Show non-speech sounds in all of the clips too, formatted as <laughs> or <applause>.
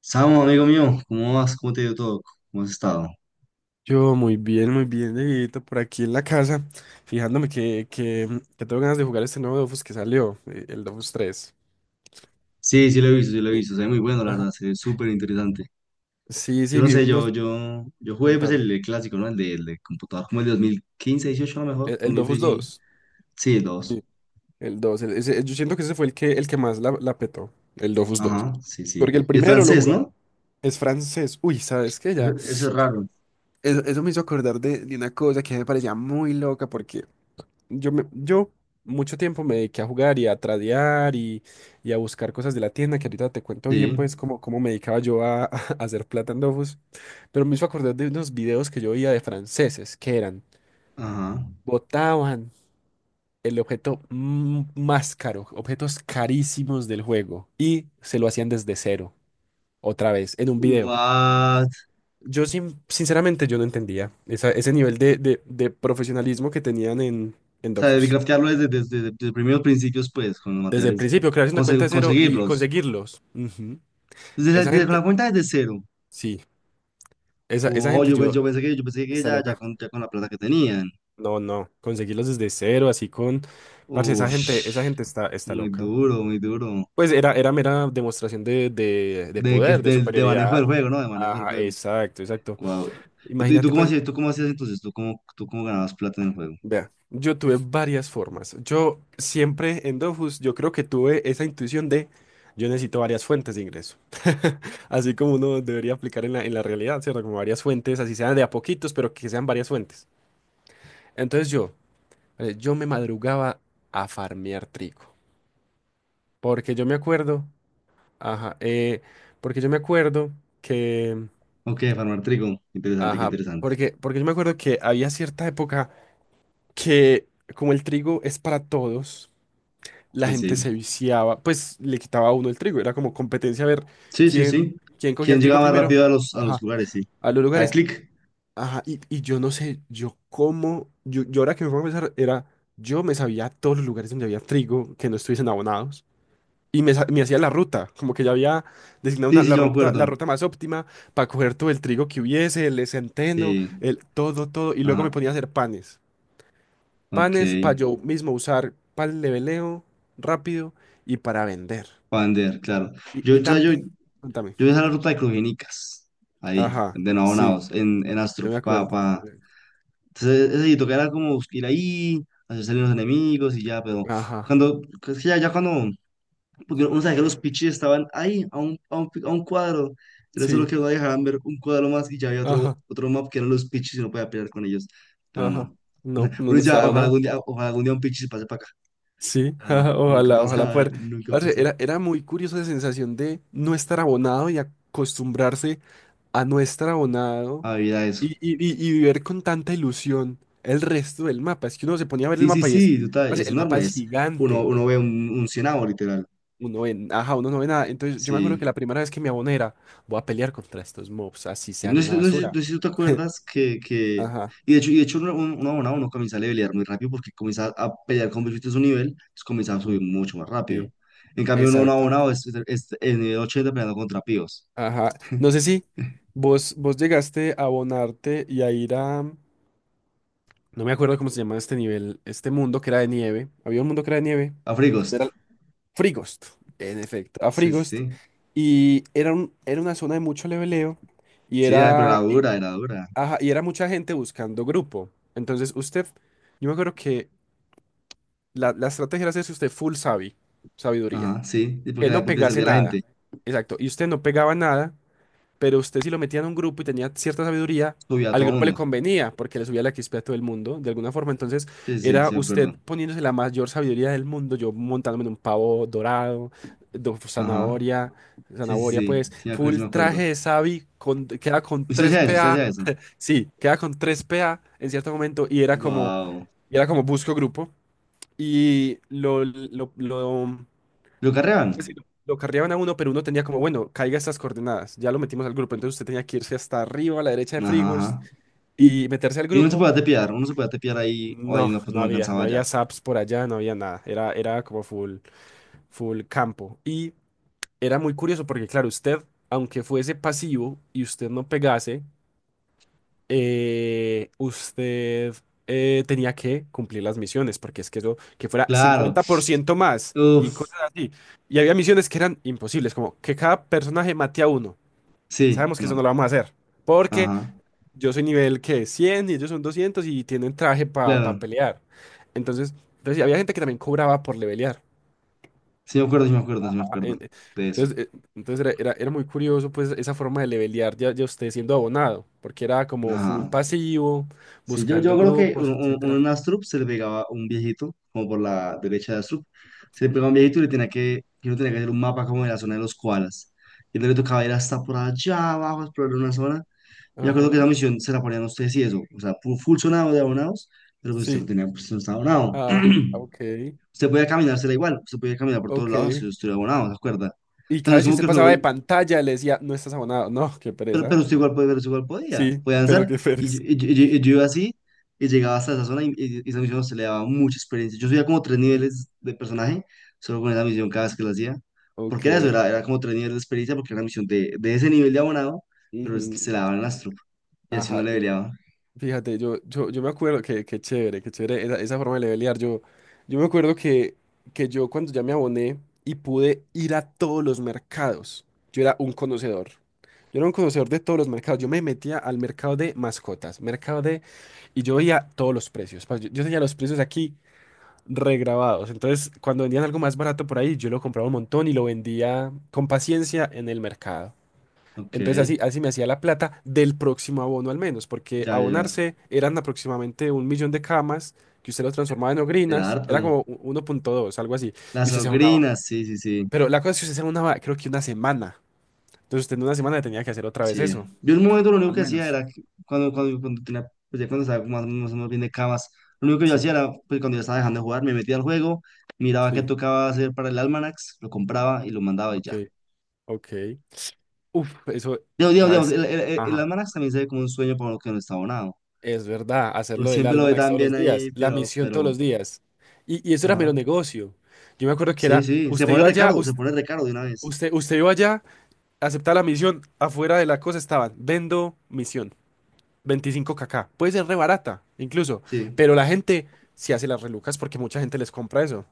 Samo, amigo mío, ¿cómo vas? ¿Cómo te ha ido todo? ¿Cómo has estado? Yo muy bien, Dieguito, por aquí en la casa, fijándome que tengo ganas de jugar este nuevo Dofus que salió, el Dofus tres. Sí, sí lo he visto, sí lo he Sí, visto. Se ve muy bueno, la ajá. verdad, se ve súper interesante. Sí, Yo sí, no sé, no, yo jugué, pues, contame. el clásico, ¿no? El de computador, como el de 2015, 18 a lo mejor, El Dofus 2016. dos. Sí, el 2. Sí, el dos, yo siento que ese fue el que más la petó, el Dofus dos. Ajá, sí, sí. Porque el Y el primero lo francés, jugaron, ¿no? es francés. Uy, ¿sabes qué? Eso, Ya. eso es raro. Eso me hizo acordar de una cosa que me parecía muy loca, porque yo mucho tiempo me dediqué a jugar y a tradear y a buscar cosas de la tienda, que ahorita te cuento bien, Sí, pues, cómo me dedicaba yo a, <laughs> a hacer plata en Dofus. Pero me hizo acordar de unos videos que yo veía de franceses, que eran, ajá. botaban el objeto más caro, objetos carísimos del juego, y se lo hacían desde cero, otra vez, en un video. What? Yo, sinceramente, yo no entendía ese nivel de profesionalismo que tenían en O sea, de Dofus. craftearlo desde primeros principios, pues, con los Desde el materiales. principio, crearse una cuenta de cero y Conseguirlos. conseguirlos. Ujú. Esa Desde la gente, cuenta desde cero. sí, esa Oh, gente yo, yo pensé que está ya, loca. Ya con la plata que tenían. No, no, conseguirlos desde cero, así con, parce, esa Ush, gente está muy loca. duro, muy duro. Pues era mera demostración de De, que, poder, de de, de manejo del superioridad. juego, ¿no? De manejo del Ajá, juego. exacto, exacto. Wow. ¿Y tú Imagínate, cómo pues. hacías, entonces? ¿Tú cómo ganabas plata en el juego? Vea, yo tuve varias formas. Yo siempre en Dofus, yo creo que tuve esa intuición de yo necesito varias fuentes de ingreso. <laughs> Así como uno debería aplicar en la realidad, ¿cierto? Como varias fuentes, así sean de a poquitos, pero que sean varias fuentes. Entonces yo me madrugaba a farmear trigo. Porque yo me acuerdo, ajá, porque yo me acuerdo que, Ok, farmar trigo. Interesante, qué ajá, interesante. porque yo me acuerdo que había cierta época que como el trigo es para todos. La Sí, gente sí. se viciaba, pues le quitaba a uno el trigo, era como competencia a ver Sí, sí, quién, sí. quién cogía ¿Quién el trigo llegaba más rápido primero, a los ajá, lugares? Sí. a los Al lugares, clic. ajá, y yo no sé, yo cómo, yo ahora que me pongo a pensar, era, yo me sabía todos los lugares donde había trigo que no estuviesen abonados, y me hacía la ruta, como que ya había designado Sí, una, sí, la yo me ruta, la acuerdo. ruta más óptima para coger todo el trigo que hubiese, el centeno, Sí. el todo, todo, y luego me Ajá. ponía a hacer panes, Ok. panes para yo mismo usar para el leveleo rápido y para vender. Pander, claro. Y, Yo, y o sea, yo, también, cuéntame. Yo hice la ruta de Crujenicas, ahí, Ajá, de sí, Nabonados, en yo Astrup, me pa, acuerdo. Pa. Entonces, ese sitio que era como ir ahí, hacer salir los enemigos y ya. Pero Ajá, cuando, es que ya, cuando, porque uno sabe que los pichis estaban ahí, a un cuadro, era solo sí, que no dejaran ver un cuadro más y ya había ajá, otro map que eran los pichis y no podía pelear con ellos, pero ajá. no. No, <laughs> no, Uno no dice: "Ah, estaba nada. Ojalá algún día un pichis pase para acá", Sí, <laughs> pero no, ajá, nunca ojalá, ojalá pasa, poder. nunca Parce, pasó. era muy curiosa la sensación de no estar abonado y acostumbrarse a no estar abonado Había eso. y ver con tanta ilusión el resto del mapa. Es que uno se ponía a ver el Sí, sí, mapa y es, sí, total, parce, es el mapa enorme, es es, gigante. uno ve un cienavo, literal, Uno en ajá, uno no ve nada. Entonces yo me acuerdo que sí. la primera vez que me aboné era, voy a pelear contra estos mobs, así Y sean una basura. no sé si tú te <laughs> acuerdas que, Ajá. y de hecho, un abonado no comienza a levelear muy rápido porque comienza a pelear con bichitos de su nivel, entonces comienza a Mm. subir mucho más rápido. Sí, En cambio, un exacto. abonado es, en el 80 peleando contra píos, Ajá. No sé si vos llegaste a abonarte y a ir a... No me acuerdo cómo se llama este nivel, este mundo que era de nieve. Había un mundo que era de nieve, a que Frigost, era Frigost, en efecto, a sí, sí, Frigost. sí, Y era una zona de mucho leveleo y sí, ay, pero era, era dura, ajá, y era mucha gente buscando grupo. Entonces usted, yo me acuerdo que la estrategia era hacerse usted full sabi, sabiduría. ajá, sí. Y Que no porque le pegase servía a la nada. gente, Exacto. Y usted no pegaba nada, pero usted si lo metía en un grupo y tenía cierta sabiduría, subía a al todo grupo le mundo, convenía porque le subía la XP a todo el mundo, de alguna forma. Entonces sí, sí, sí, era sí me usted acuerdo, poniéndose la mayor sabiduría del mundo, yo montándome en un pavo dorado, ajá, zanahoria, sí, sí, pues, sí, sí me acuerdo, full sí me traje acuerdo. de sabi, queda con ¿Usted 3 hacía eso? ¿Usted PA, hacía eso? sí, queda con 3 PA en cierto momento Wow. y era como busco grupo y ¿Lo carrean? pues sí, lo carreaban a uno, pero uno tenía como, bueno, caiga estas coordenadas, ya lo metimos al grupo, entonces usted tenía que irse hasta arriba, a la derecha de Ajá, Frigos, ajá. y meterse al Y uno se grupo. podía tepear, uno se podía tepear ahí. Ay, No, no, pues no no había, no alcanzaba ya. había saps por allá, no había nada, era como full campo. Y era muy curioso porque, claro, usted, aunque fuese pasivo y usted no pegase, usted tenía que cumplir las misiones, porque es que eso, que fuera Claro. 50% más y Uf, cosas así. Y había misiones que eran imposibles, como que cada personaje mate a uno. sí, Sabemos que eso no. no lo vamos a hacer, porque Ajá. yo soy nivel que 100 y ellos son 200 y tienen traje para Claro. pelear. Entonces, entonces, sí, había gente que también cobraba por levelear. Sí me acuerdo, sí me acuerdo, sí me acuerdo en- eh, de eso. Entonces, eh, entonces era muy curioso pues esa forma de levelear ya usted siendo abonado, porque era como full Ajá. pasivo, Sí, buscando yo creo que grupos, un etcétera. en Astrup se le pegaba un viejito, como por la derecha de Astrup. Se le pegaba un viejito y y uno tenía que hacer un mapa como de la zona de los koalas. Y entonces le tocaba ir hasta por allá abajo a explorar una zona. Yo creo que esa Ajá. misión se la ponían a ustedes y eso, o sea, full sonado de abonados, pero pues usted no Sí. tenía, pues no estaba abonado. Ah, ok. Usted podía caminársela igual, usted podía caminar por todos Ok. lados si usted era abonado, ¿se acuerda? O Y sea, cada no es vez que como que usted el juego, pasaba de pantalla le decía, no estás abonado. No, qué pero, pereza. usted igual podía, Sí, podía pero avanzar. qué <laughs> Y yo, pereza. y yo- y yo- y yo iba así y llegaba hasta esa zona, y esa misión se le daba mucha experiencia. Yo subía como tres Ujú. niveles de personaje solo con esa misión cada vez que la hacía, Ok. porque era eso, era como tres niveles de experiencia, porque era una misión de, ese nivel de abonado, pero se Ujú. la daban las tropas y así no Ajá. le peleaba. Fíjate, yo me acuerdo que chévere esa forma de levelear. Yo me acuerdo que yo cuando ya me aboné y pude ir a todos los mercados, yo era un conocedor. Yo era un conocedor de todos los mercados. Yo me metía al mercado de mascotas, mercado de... Y yo veía todos los precios. Yo tenía los precios aquí regrabados. Entonces, cuando vendían algo más barato por ahí, yo lo compraba un montón y lo vendía con paciencia en el mercado. Ok, Entonces ya, así me hacía la plata del próximo abono al menos, porque ya, ya. abonarse eran aproximadamente un millón de camas que usted lo transformaba en Era ogrinas, era harto. como 1,2 algo así, Las y usted se abonaba. sobrinas, sí, sí, sí, Pero la cosa es que usted se abonaba creo que una semana. Entonces usted en una semana tenía que hacer otra vez sí. eso, Yo en un momento lo único al que hacía menos. era que cuando, cuando tenía, pues ya cuando estaba más, más o menos bien de camas, lo único que yo Sí, hacía era, pues cuando ya estaba dejando de jugar, me metía al juego, miraba qué sí, tocaba hacer para el almanax, lo compraba y lo mandaba y ok, ya. ok. Uf, eso, Digamos, ¿sabes? El Ajá. almanax también se ve como un sueño para uno que no está abonado. Es verdad, Uno hacerlo del siempre lo ve almanac tan todos bien los ahí, días, la pero, misión todos los días. Y eso era mero ajá. negocio. Yo me acuerdo que Sí, era, sí, usted iba allá, se us- pone recaro de una vez. usted, usted iba allá. Aceptar la misión, afuera de la cosa estaban, vendo misión, 25KK. Puede ser re barata, incluso, Sí, pero la gente se hace las relucas porque mucha gente les compra eso.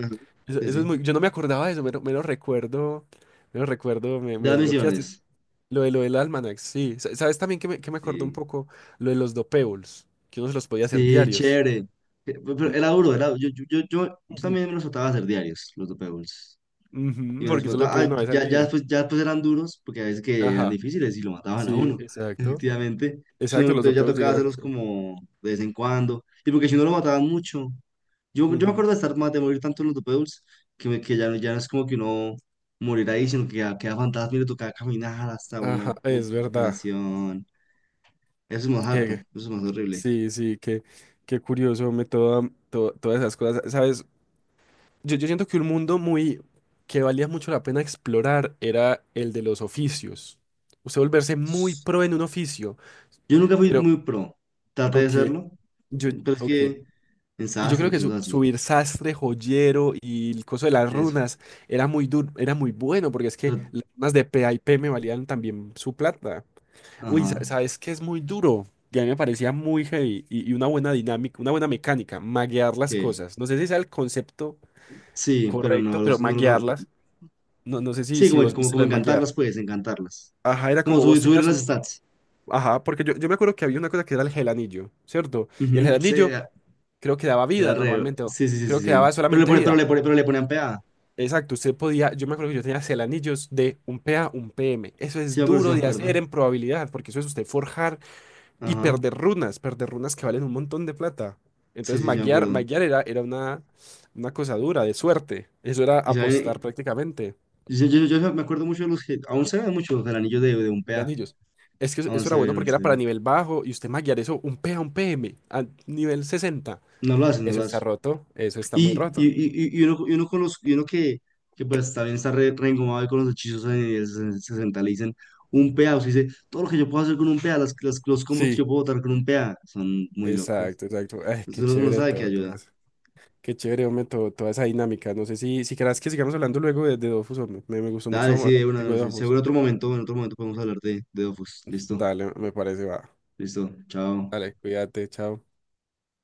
ajá, Eso, sí, eso es sí. muy, yo no me acordaba de eso, lo me lo recuerdo, me lo recuerdo, me, De me las desbloqueaste. misiones. Lo del Almanac, sí. ¿Sabes también que me acordó un Sí. poco lo de los dopables? Que uno se los podía hacer Sí, diarios. chévere. Pero Un- era duro, yo Ujú. también me los trataba de hacer diarios, los dope bowls. Y Ujú, me los porque solo le trataba, podía ah, una vez al ya, día. después, después eran duros, porque a veces que eran Ajá, difíciles y lo mataban a sí, uno, <laughs> exacto. efectivamente. Entonces, Exacto, los entonces ya dopables tocaba llegaron. hacerlos como de vez en cuando. Y porque si no lo mataban mucho. Yo me Ujú, acuerdo de estar de morir tanto en los dope bowls, que, me- que ya, no- ya no es como que uno morir ahí, sino que ya queda fantasma y le tocaba caminar hasta ajá, un es punto de verdad. recuperación. Eso es más harto, Que eso es más horrible. sí, sí, qué curioso, me todas esas cosas, ¿sabes? Yo siento que un mundo muy que valía mucho la pena explorar era el de los oficios. Usted volverse muy pro en un oficio, Yo nunca fui pero, muy pro. Traté de ok, serlo, yo, pero es ok. que en Y yo sastre creo y que cosas así. subir sastre, joyero y el coso de las Eso. runas era muy duro, era muy bueno, porque es que Pero- las runas de P a y P me valían también su plata. Uy, ajá. ¿sabes qué es muy duro? Y a mí me parecía muy heavy y una buena dinámica, una buena mecánica, maguear las Ok. cosas. No sé si sea el concepto Sí, pero correcto, no, pero no. maguearlas. No, no sé si, Sí, si como, vos viste lo como de maguear. encantarlas, pues, encantarlas. Ajá, era Como como vos subir tenías las un... stats. Ajá, porque yo me acuerdo que había una cosa que era el gelanillo, ¿cierto? Y el Ujú, sí, gelanillo era creo que daba vida re. normalmente, o Sí, sí, sí, creo sí, que sí. daba Pero le, solamente pone- pero vida. le, pone- pero le ponían PA. Exacto, usted podía, yo me acuerdo que yo tenía gelanillos de un p a un PM. Eso Sí, me es acuerdo, sí, duro me de hacer acuerdo. en probabilidad, porque eso es usted forjar y Ajá. Perder runas que valen un montón de plata. Sí, Entonces, sí, sí, me maguear, acuerdo. maguear era una cosa dura, de suerte. Eso era Y apostar saben, prácticamente. Yo me acuerdo mucho de los que. Aún se ven mucho los anillos de, un Eran PA. anillos. Es que eso, Aún eso era se bueno ven, aún porque era se para ven. nivel bajo y usted maguear eso un P a un PM a nivel 60. No lo hacen, no Eso lo está hacen. roto, eso está muy roto. Y uno, conoz- y uno que pues también está re, reengomado ahí con los hechizos en el 60, le dicen un PA, o sea, dice, todo lo que yo puedo hacer con un PA, los combos que Sí, yo puedo botar con un PA, son muy locos. exacto, exacto. Ay, Entonces qué uno chévere sabe que todo ayuda. eso. Qué chévere, hombre, toda esa dinámica. No sé si querás que sigamos hablando luego de Dofus, hombre. Me gustó mucho Dale, sí, hablar de contigo una, de Dofus. seguro en otro momento, podemos hablar de, Dofus. Listo, Dale, me parece, va. listo, chao. Dale, cuídate, chao.